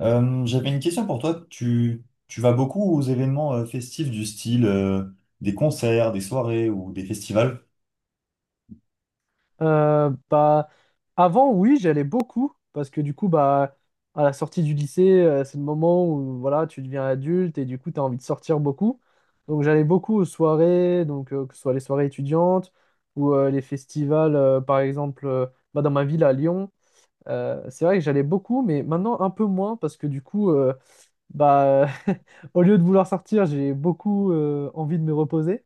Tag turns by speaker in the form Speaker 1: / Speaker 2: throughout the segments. Speaker 1: J'avais une question pour toi. Tu vas beaucoup aux événements festifs du style des concerts, des soirées ou des festivals?
Speaker 2: Bah, avant, oui, j'allais beaucoup parce que du coup, bah, à la sortie du lycée, c'est le moment où voilà, tu deviens adulte et du coup, tu as envie de sortir beaucoup. Donc, j'allais beaucoup aux soirées, donc, que ce soit les soirées étudiantes ou les festivals, par exemple, bah, dans ma ville à Lyon. C'est vrai que j'allais beaucoup, mais maintenant un peu moins parce que du coup, bah, au lieu de vouloir sortir, j'ai beaucoup envie de me reposer.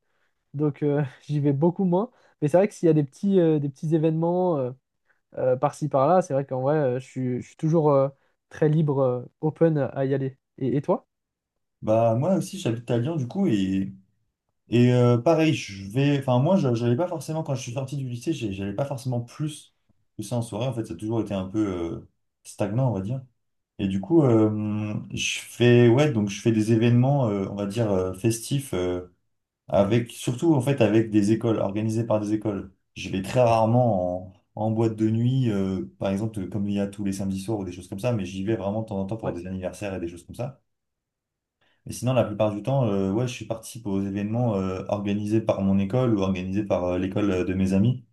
Speaker 2: Donc j'y vais beaucoup moins. Mais c'est vrai que s'il y a des petits événements par-ci par-là, c'est vrai qu'en vrai, je suis toujours très libre, open à y aller. Et toi?
Speaker 1: Bah moi aussi j'habite à Lyon du coup. Et pareil, je vais, enfin moi, je j'allais pas forcément quand je suis sorti du lycée, j'allais pas forcément plus que ça en soirée. En fait, ça a toujours été un peu euh, stagnant, on va dire. Et du coup, je fais, ouais, donc je fais des événements, on va dire festifs, avec surtout en fait avec des écoles, organisés par des écoles. Je vais très rarement en boîte de nuit, par exemple, comme il y a tous les samedis soirs ou des choses comme ça, mais j'y vais vraiment de temps en temps pour
Speaker 2: Ouais.
Speaker 1: des anniversaires et des choses comme ça. Et sinon, la plupart du temps, ouais, je participe aux événements organisés par mon école ou organisés par l'école de mes amis.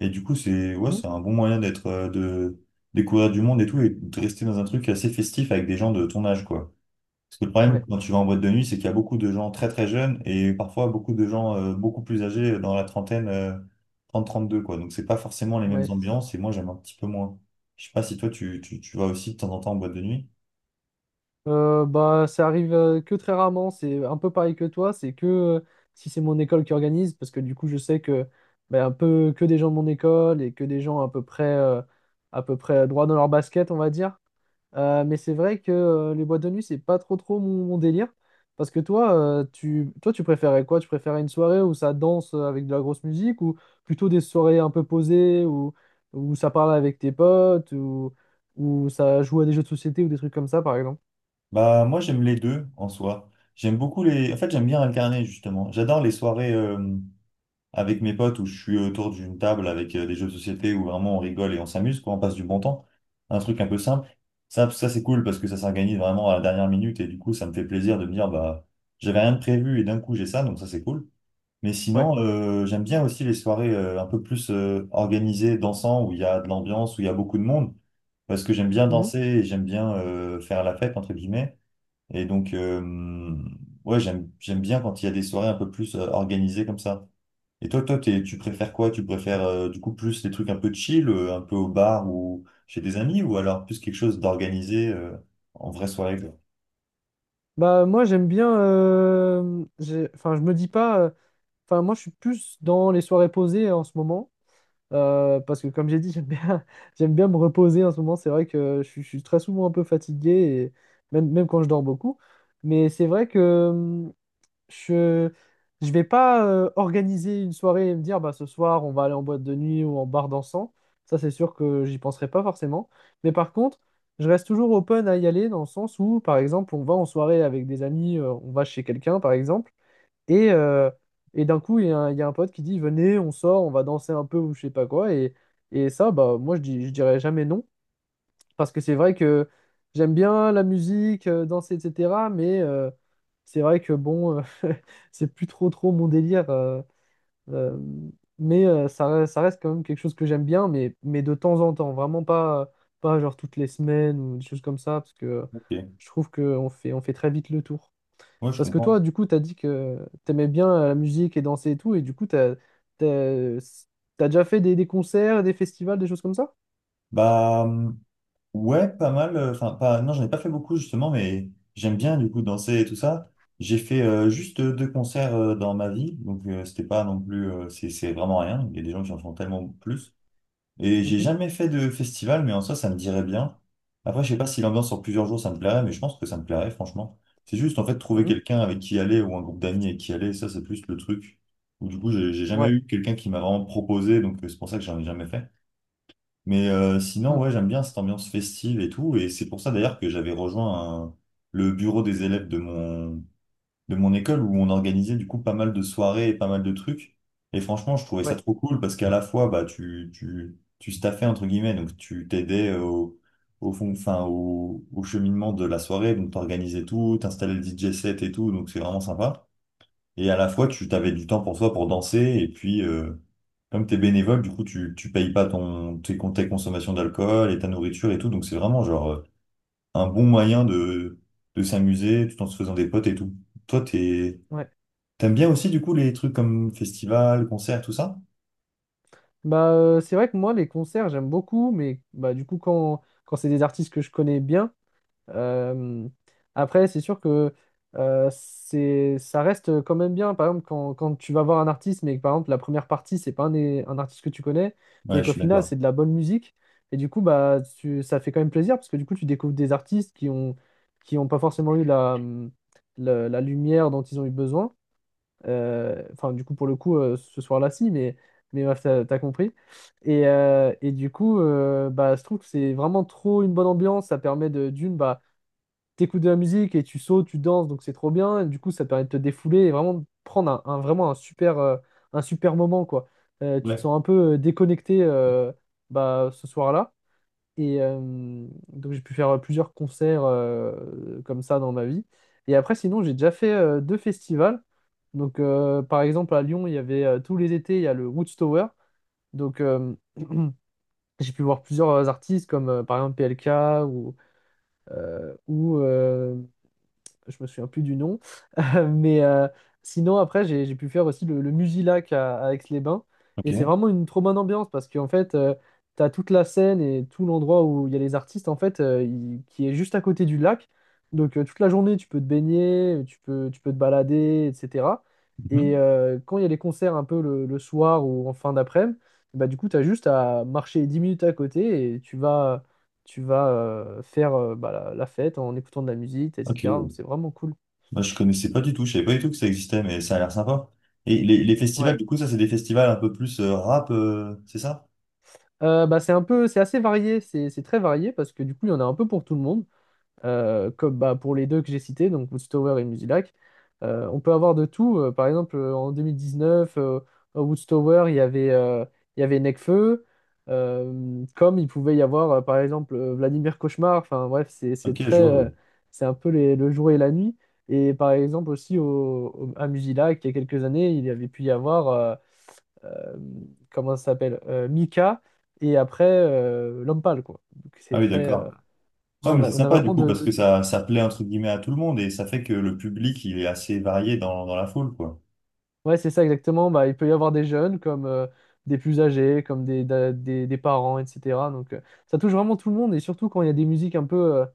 Speaker 1: Et du coup, c'est ouais,
Speaker 2: Mhm.
Speaker 1: c'est un bon moyen d'être de découvrir du monde et tout et de rester dans un truc assez festif avec des gens de ton âge, quoi. Parce que le problème
Speaker 2: Ouais,
Speaker 1: quand tu vas en boîte de nuit, c'est qu'il y a beaucoup de gens très très jeunes et parfois beaucoup de gens beaucoup plus âgés dans la trentaine, trente deux quoi. Donc c'est pas forcément les mêmes
Speaker 2: ouais, c'est ça.
Speaker 1: ambiances et moi j'aime un petit peu moins. Je sais pas si toi
Speaker 2: Ouais.
Speaker 1: tu vas aussi de temps en temps en boîte de nuit.
Speaker 2: Bah, ça arrive que très rarement. C'est un peu pareil que toi. C'est que si c'est mon école qui organise, parce que du coup, je sais que bah, un peu que des gens de mon école et que des gens à peu près droit dans leur basket, on va dire. Mais c'est vrai que les boîtes de nuit, c'est pas trop trop mon, délire. Parce que toi, toi, tu préférais quoi? Tu préférais une soirée où ça danse avec de la grosse musique ou plutôt des soirées un peu posées où, ça parle avec tes potes ou où ça joue à des jeux de société ou des trucs comme ça, par exemple?
Speaker 1: Bah, moi, j'aime les deux en soi. J'aime beaucoup les. En fait, j'aime bien alterner, justement. J'adore les soirées avec mes potes où je suis autour d'une table avec des jeux de société où vraiment on rigole et on s'amuse, quoi, on passe du bon temps. Un truc un peu simple. Ça c'est cool parce que ça s'organise vraiment à la dernière minute et du coup, ça me fait plaisir de me dire, bah, j'avais rien de prévu et d'un coup, j'ai ça, donc ça, c'est cool. Mais
Speaker 2: Ouais.
Speaker 1: sinon, j'aime bien aussi les soirées un peu plus organisées, dansant, où il y a de l'ambiance, où il y a beaucoup de monde, parce que j'aime bien
Speaker 2: Mhm.
Speaker 1: danser et j'aime bien faire la fête, entre guillemets. Et donc, ouais, j'aime bien quand il y a des soirées un peu plus organisées comme ça. Et tu préfères quoi? Tu préfères du coup plus les trucs un peu chill, un peu au bar ou chez des amis, ou alors plus quelque chose d'organisé en vraie soirée, quoi.
Speaker 2: Bah, moi, j'aime bien, enfin, je me dis pas. Enfin, moi, je suis plus dans les soirées posées en ce moment. Parce que comme j'ai dit, j'aime bien, j'aime bien me reposer en ce moment. C'est vrai que je suis très souvent un peu fatigué, et même quand je dors beaucoup. Mais c'est vrai que je je vais pas organiser une soirée et me dire bah, ce soir on va aller en boîte de nuit ou en bar dansant. Ça, c'est sûr que j'y penserai pas forcément. Mais par contre, je reste toujours open à y aller dans le sens où, par exemple, on va en soirée avec des amis, on va chez quelqu'un, par exemple. Et, euh, et d'un coup, il y a un pote qui dit, venez, on sort, on va danser un peu ou je sais pas quoi. Et ça, bah, moi, je dirais jamais non. Parce que c'est vrai que j'aime bien la musique, danser, etc. Mais c'est vrai que bon, c'est plus trop trop mon délire. Euh, mais ça, ça reste quand même quelque chose que j'aime bien, mais de temps en temps. Vraiment pas genre toutes les semaines ou des choses comme ça. Parce que
Speaker 1: Ok,
Speaker 2: je trouve qu'on fait très vite le tour.
Speaker 1: ouais, je
Speaker 2: Parce que toi,
Speaker 1: comprends.
Speaker 2: du coup, t'as dit que t'aimais bien la musique et danser et tout, et du coup, t'as, t'as déjà fait des concerts, des festivals, des choses comme ça?
Speaker 1: Bah, ouais, pas mal. Enfin, pas, non, j'en ai pas fait beaucoup justement, mais j'aime bien du coup danser et tout ça. J'ai fait juste deux concerts dans ma vie, donc c'était pas non plus, c'est vraiment rien. Il y a des gens qui en font tellement plus. Et j'ai
Speaker 2: Mhm,
Speaker 1: jamais fait de festival, mais en soi, ça me dirait bien. Après, je sais pas si l'ambiance sur plusieurs jours, ça me plairait, mais je pense que ça me plairait, franchement. C'est juste, en fait, trouver
Speaker 2: mhm.
Speaker 1: quelqu'un avec qui aller ou un groupe d'amis avec qui aller, ça, c'est plus le truc. Ou du coup, j'ai jamais
Speaker 2: Ouais.
Speaker 1: eu quelqu'un qui m'a vraiment proposé, donc c'est pour ça que j'en ai jamais fait. Mais sinon,
Speaker 2: Mm,
Speaker 1: ouais, j'aime bien cette ambiance festive et tout. Et c'est pour ça, d'ailleurs, que j'avais rejoint le bureau des élèves de mon école où on organisait du coup pas mal de soirées et pas mal de trucs. Et franchement, je trouvais ça
Speaker 2: ouais.
Speaker 1: trop cool parce qu'à la fois, bah, tu staffais entre guillemets, donc tu t'aidais au fond, enfin, au cheminement de la soirée, donc t'organisais tout, t'installais le DJ set et tout, donc c'est vraiment sympa. Et à la fois, tu t'avais du temps pour toi pour danser et puis, comme t'es bénévole, du coup, tu payes pas tes consommations d'alcool et ta nourriture et tout, donc c'est vraiment genre un bon moyen de s'amuser tout en se faisant des potes et tout. Toi, t'es,
Speaker 2: Ouais.
Speaker 1: T'aimes bien aussi, du coup, les trucs comme festival, concert, tout ça?
Speaker 2: Bah, c'est vrai que moi, les concerts, j'aime beaucoup, mais bah, du coup, quand c'est des artistes que je connais bien, euh, après, c'est sûr que ça reste quand même bien. Par exemple, quand tu vas voir un artiste, mais que par exemple, la première partie, c'est pas un artiste que tu connais,
Speaker 1: Ouais,
Speaker 2: mais
Speaker 1: je
Speaker 2: qu'au
Speaker 1: suis
Speaker 2: final,
Speaker 1: d'accord.
Speaker 2: c'est de la bonne musique. Et du coup, bah, ça fait quand même plaisir, parce que du coup, tu découvres des artistes qui ont, pas forcément eu la, la lumière dont ils ont eu besoin. Enfin, du coup, pour le coup, ce soir-là, si, mais bref, t'as compris. Et du coup, bah, je trouve que c'est vraiment trop une bonne ambiance. Ça permet d'une, bah, t'écoutes de la musique et tu sautes, tu danses, donc c'est trop bien. Et du coup, ça permet de te défouler et vraiment de prendre vraiment un super moment, quoi. Tu te
Speaker 1: Ouais.
Speaker 2: sens un peu déconnecté bah, ce soir-là. Et donc j'ai pu faire plusieurs concerts comme ça dans ma vie. Et après, sinon, j'ai déjà fait deux festivals. Donc par exemple, à Lyon, il y avait tous les étés, il y a le Woodstower. Donc j'ai pu voir plusieurs artistes comme par exemple PLK ou, ou je me souviens plus du nom. Mais sinon, après, j'ai pu faire aussi le Musilac à Aix-les-Bains. Et c'est
Speaker 1: Ok.
Speaker 2: vraiment une trop bonne ambiance parce qu'en fait, tu as toute la scène et tout l'endroit où il y a les artistes, en fait, qui est juste à côté du lac. Donc, toute la journée, tu peux te baigner, tu peux te balader, etc. Et
Speaker 1: Mhm.
Speaker 2: quand il y a les concerts un peu le soir ou en fin d'après-midi, bah, du coup, tu as juste à marcher 10 minutes à côté et tu vas faire bah, la fête en écoutant de la musique,
Speaker 1: Ok,
Speaker 2: etc.
Speaker 1: ouais.
Speaker 2: Donc, c'est vraiment cool.
Speaker 1: Moi, je connaissais pas du tout. Je savais pas du tout que ça existait, mais ça a l'air sympa. Et les festivals,
Speaker 2: Ouais.
Speaker 1: du coup, ça, c'est des festivals un peu plus rap, c'est ça?
Speaker 2: Bah, c'est assez varié, c'est très varié parce que du coup, il y en a un peu pour tout le monde, comme bah, pour les deux que j'ai cités, donc Woodstower et Musilac. On peut avoir de tout. Par exemple, en 2019, à Woodstower, il y avait Nekfeu, comme il pouvait y avoir, par exemple, Vladimir Cauchemar. Enfin, bref, c'est
Speaker 1: Ok,
Speaker 2: très,
Speaker 1: je vois, oui.
Speaker 2: c'est un peu le jour et la nuit. Et par exemple, aussi à Musilac, il y a quelques années, il y avait pu y avoir. Euh, Comment ça s'appelle Mika et après l'homme pâle quoi. Donc
Speaker 1: Ah
Speaker 2: c'est
Speaker 1: oui,
Speaker 2: très ouais,
Speaker 1: d'accord. Ouais, mais c'est
Speaker 2: on a
Speaker 1: sympa, du
Speaker 2: vraiment
Speaker 1: coup, parce
Speaker 2: de
Speaker 1: que
Speaker 2: tout.
Speaker 1: ça plaît, entre guillemets, à tout le monde et ça fait que le public, il est assez varié dans la foule, quoi.
Speaker 2: Ouais, c'est ça exactement. Bah, il peut y avoir des jeunes comme des plus âgés, comme des parents, etc. Donc ça touche vraiment tout le monde et surtout quand il y a des musiques un peu euh,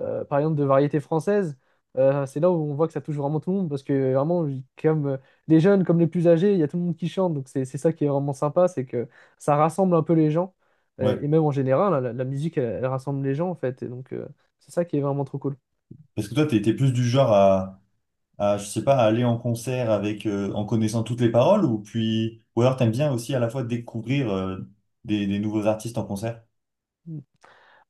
Speaker 2: euh, par exemple, de variété française, c'est là où on voit que ça touche vraiment tout le monde, parce que vraiment, comme les jeunes, comme les plus âgés, il y a tout le monde qui chante, donc c'est ça qui est vraiment sympa, c'est que ça rassemble un peu les gens,
Speaker 1: Ouais.
Speaker 2: et même en général, hein, la musique, elle rassemble les gens, en fait, et donc c'est ça qui est vraiment trop cool.
Speaker 1: Parce que toi, t'es plus du genre à je sais pas, à aller en concert avec, en connaissant toutes les paroles ou puis, ou alors t'aimes bien aussi à la fois découvrir, des nouveaux artistes en concert?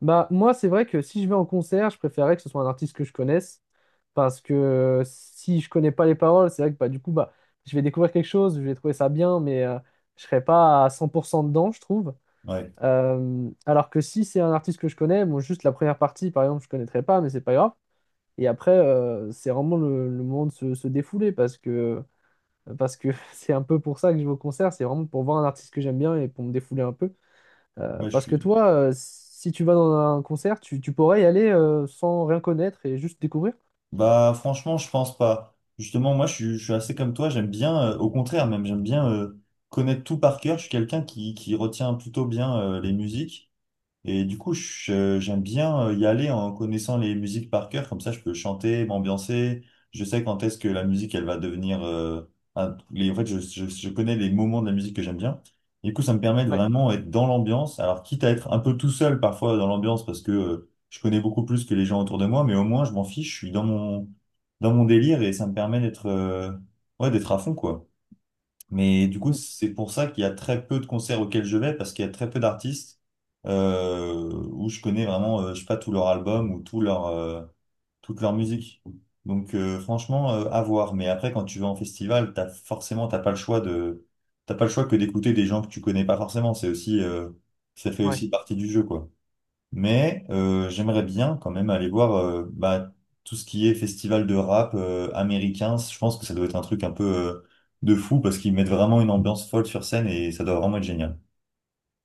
Speaker 2: Bah, moi, c'est vrai que si je vais en concert, je préférerais que ce soit un artiste que je connaisse. Parce que si je connais pas les paroles, c'est vrai que bah, du coup, bah, je vais découvrir quelque chose, je vais trouver ça bien, mais je serai pas à 100% dedans, je trouve.
Speaker 1: Ouais,
Speaker 2: Alors que si c'est un artiste que je connais, bon, juste la première partie, par exemple, je connaîtrais pas, mais c'est pas grave. Et après, c'est vraiment le moment de se défouler parce que parce que c'est un peu pour ça que je vais au concert, c'est vraiment pour voir un artiste que j'aime bien et pour me défouler un peu.
Speaker 1: moi je
Speaker 2: Parce que
Speaker 1: suis.
Speaker 2: toi, si tu vas dans un concert, tu pourrais y aller sans rien connaître et juste découvrir.
Speaker 1: Bah franchement, je pense pas. Justement, je suis assez comme toi, j'aime bien, au contraire même, j'aime bien connaître tout par cœur. Je suis quelqu'un qui retient plutôt bien les musiques. Et du coup, j'aime bien y aller en connaissant les musiques par cœur, comme ça je peux chanter, m'ambiancer. Je sais quand est-ce que la
Speaker 2: Mhm.
Speaker 1: musique, elle va devenir... un- les, en fait, je connais les moments de la musique que j'aime bien. Du coup, ça me permet de
Speaker 2: Ouais.
Speaker 1: vraiment être dans l'ambiance. Alors, quitte à être un peu tout seul parfois dans l'ambiance, parce que je connais beaucoup plus que les gens autour de moi, mais au moins, je m'en fiche, je suis dans dans mon délire et ça me permet d'être ouais, d'être à fond, quoi. Mais du coup,
Speaker 2: Mm.
Speaker 1: c'est pour ça qu'il y a très peu de concerts auxquels je vais, parce qu'il y a très peu d'artistes où je connais vraiment, je sais pas, tout leur album ou tout leur toute leur musique. Donc franchement, à voir. Mais après, quand tu vas en festival, t'as forcément, t'as pas le choix que d'écouter des gens que tu connais pas forcément. C'est aussi, ça fait
Speaker 2: Ouais.
Speaker 1: aussi partie du jeu, quoi. Mais j'aimerais bien quand même aller voir bah, tout ce qui est festival de rap américain. Je pense que ça doit être un truc un peu de fou parce qu'ils mettent vraiment une ambiance folle sur scène et ça doit vraiment être génial.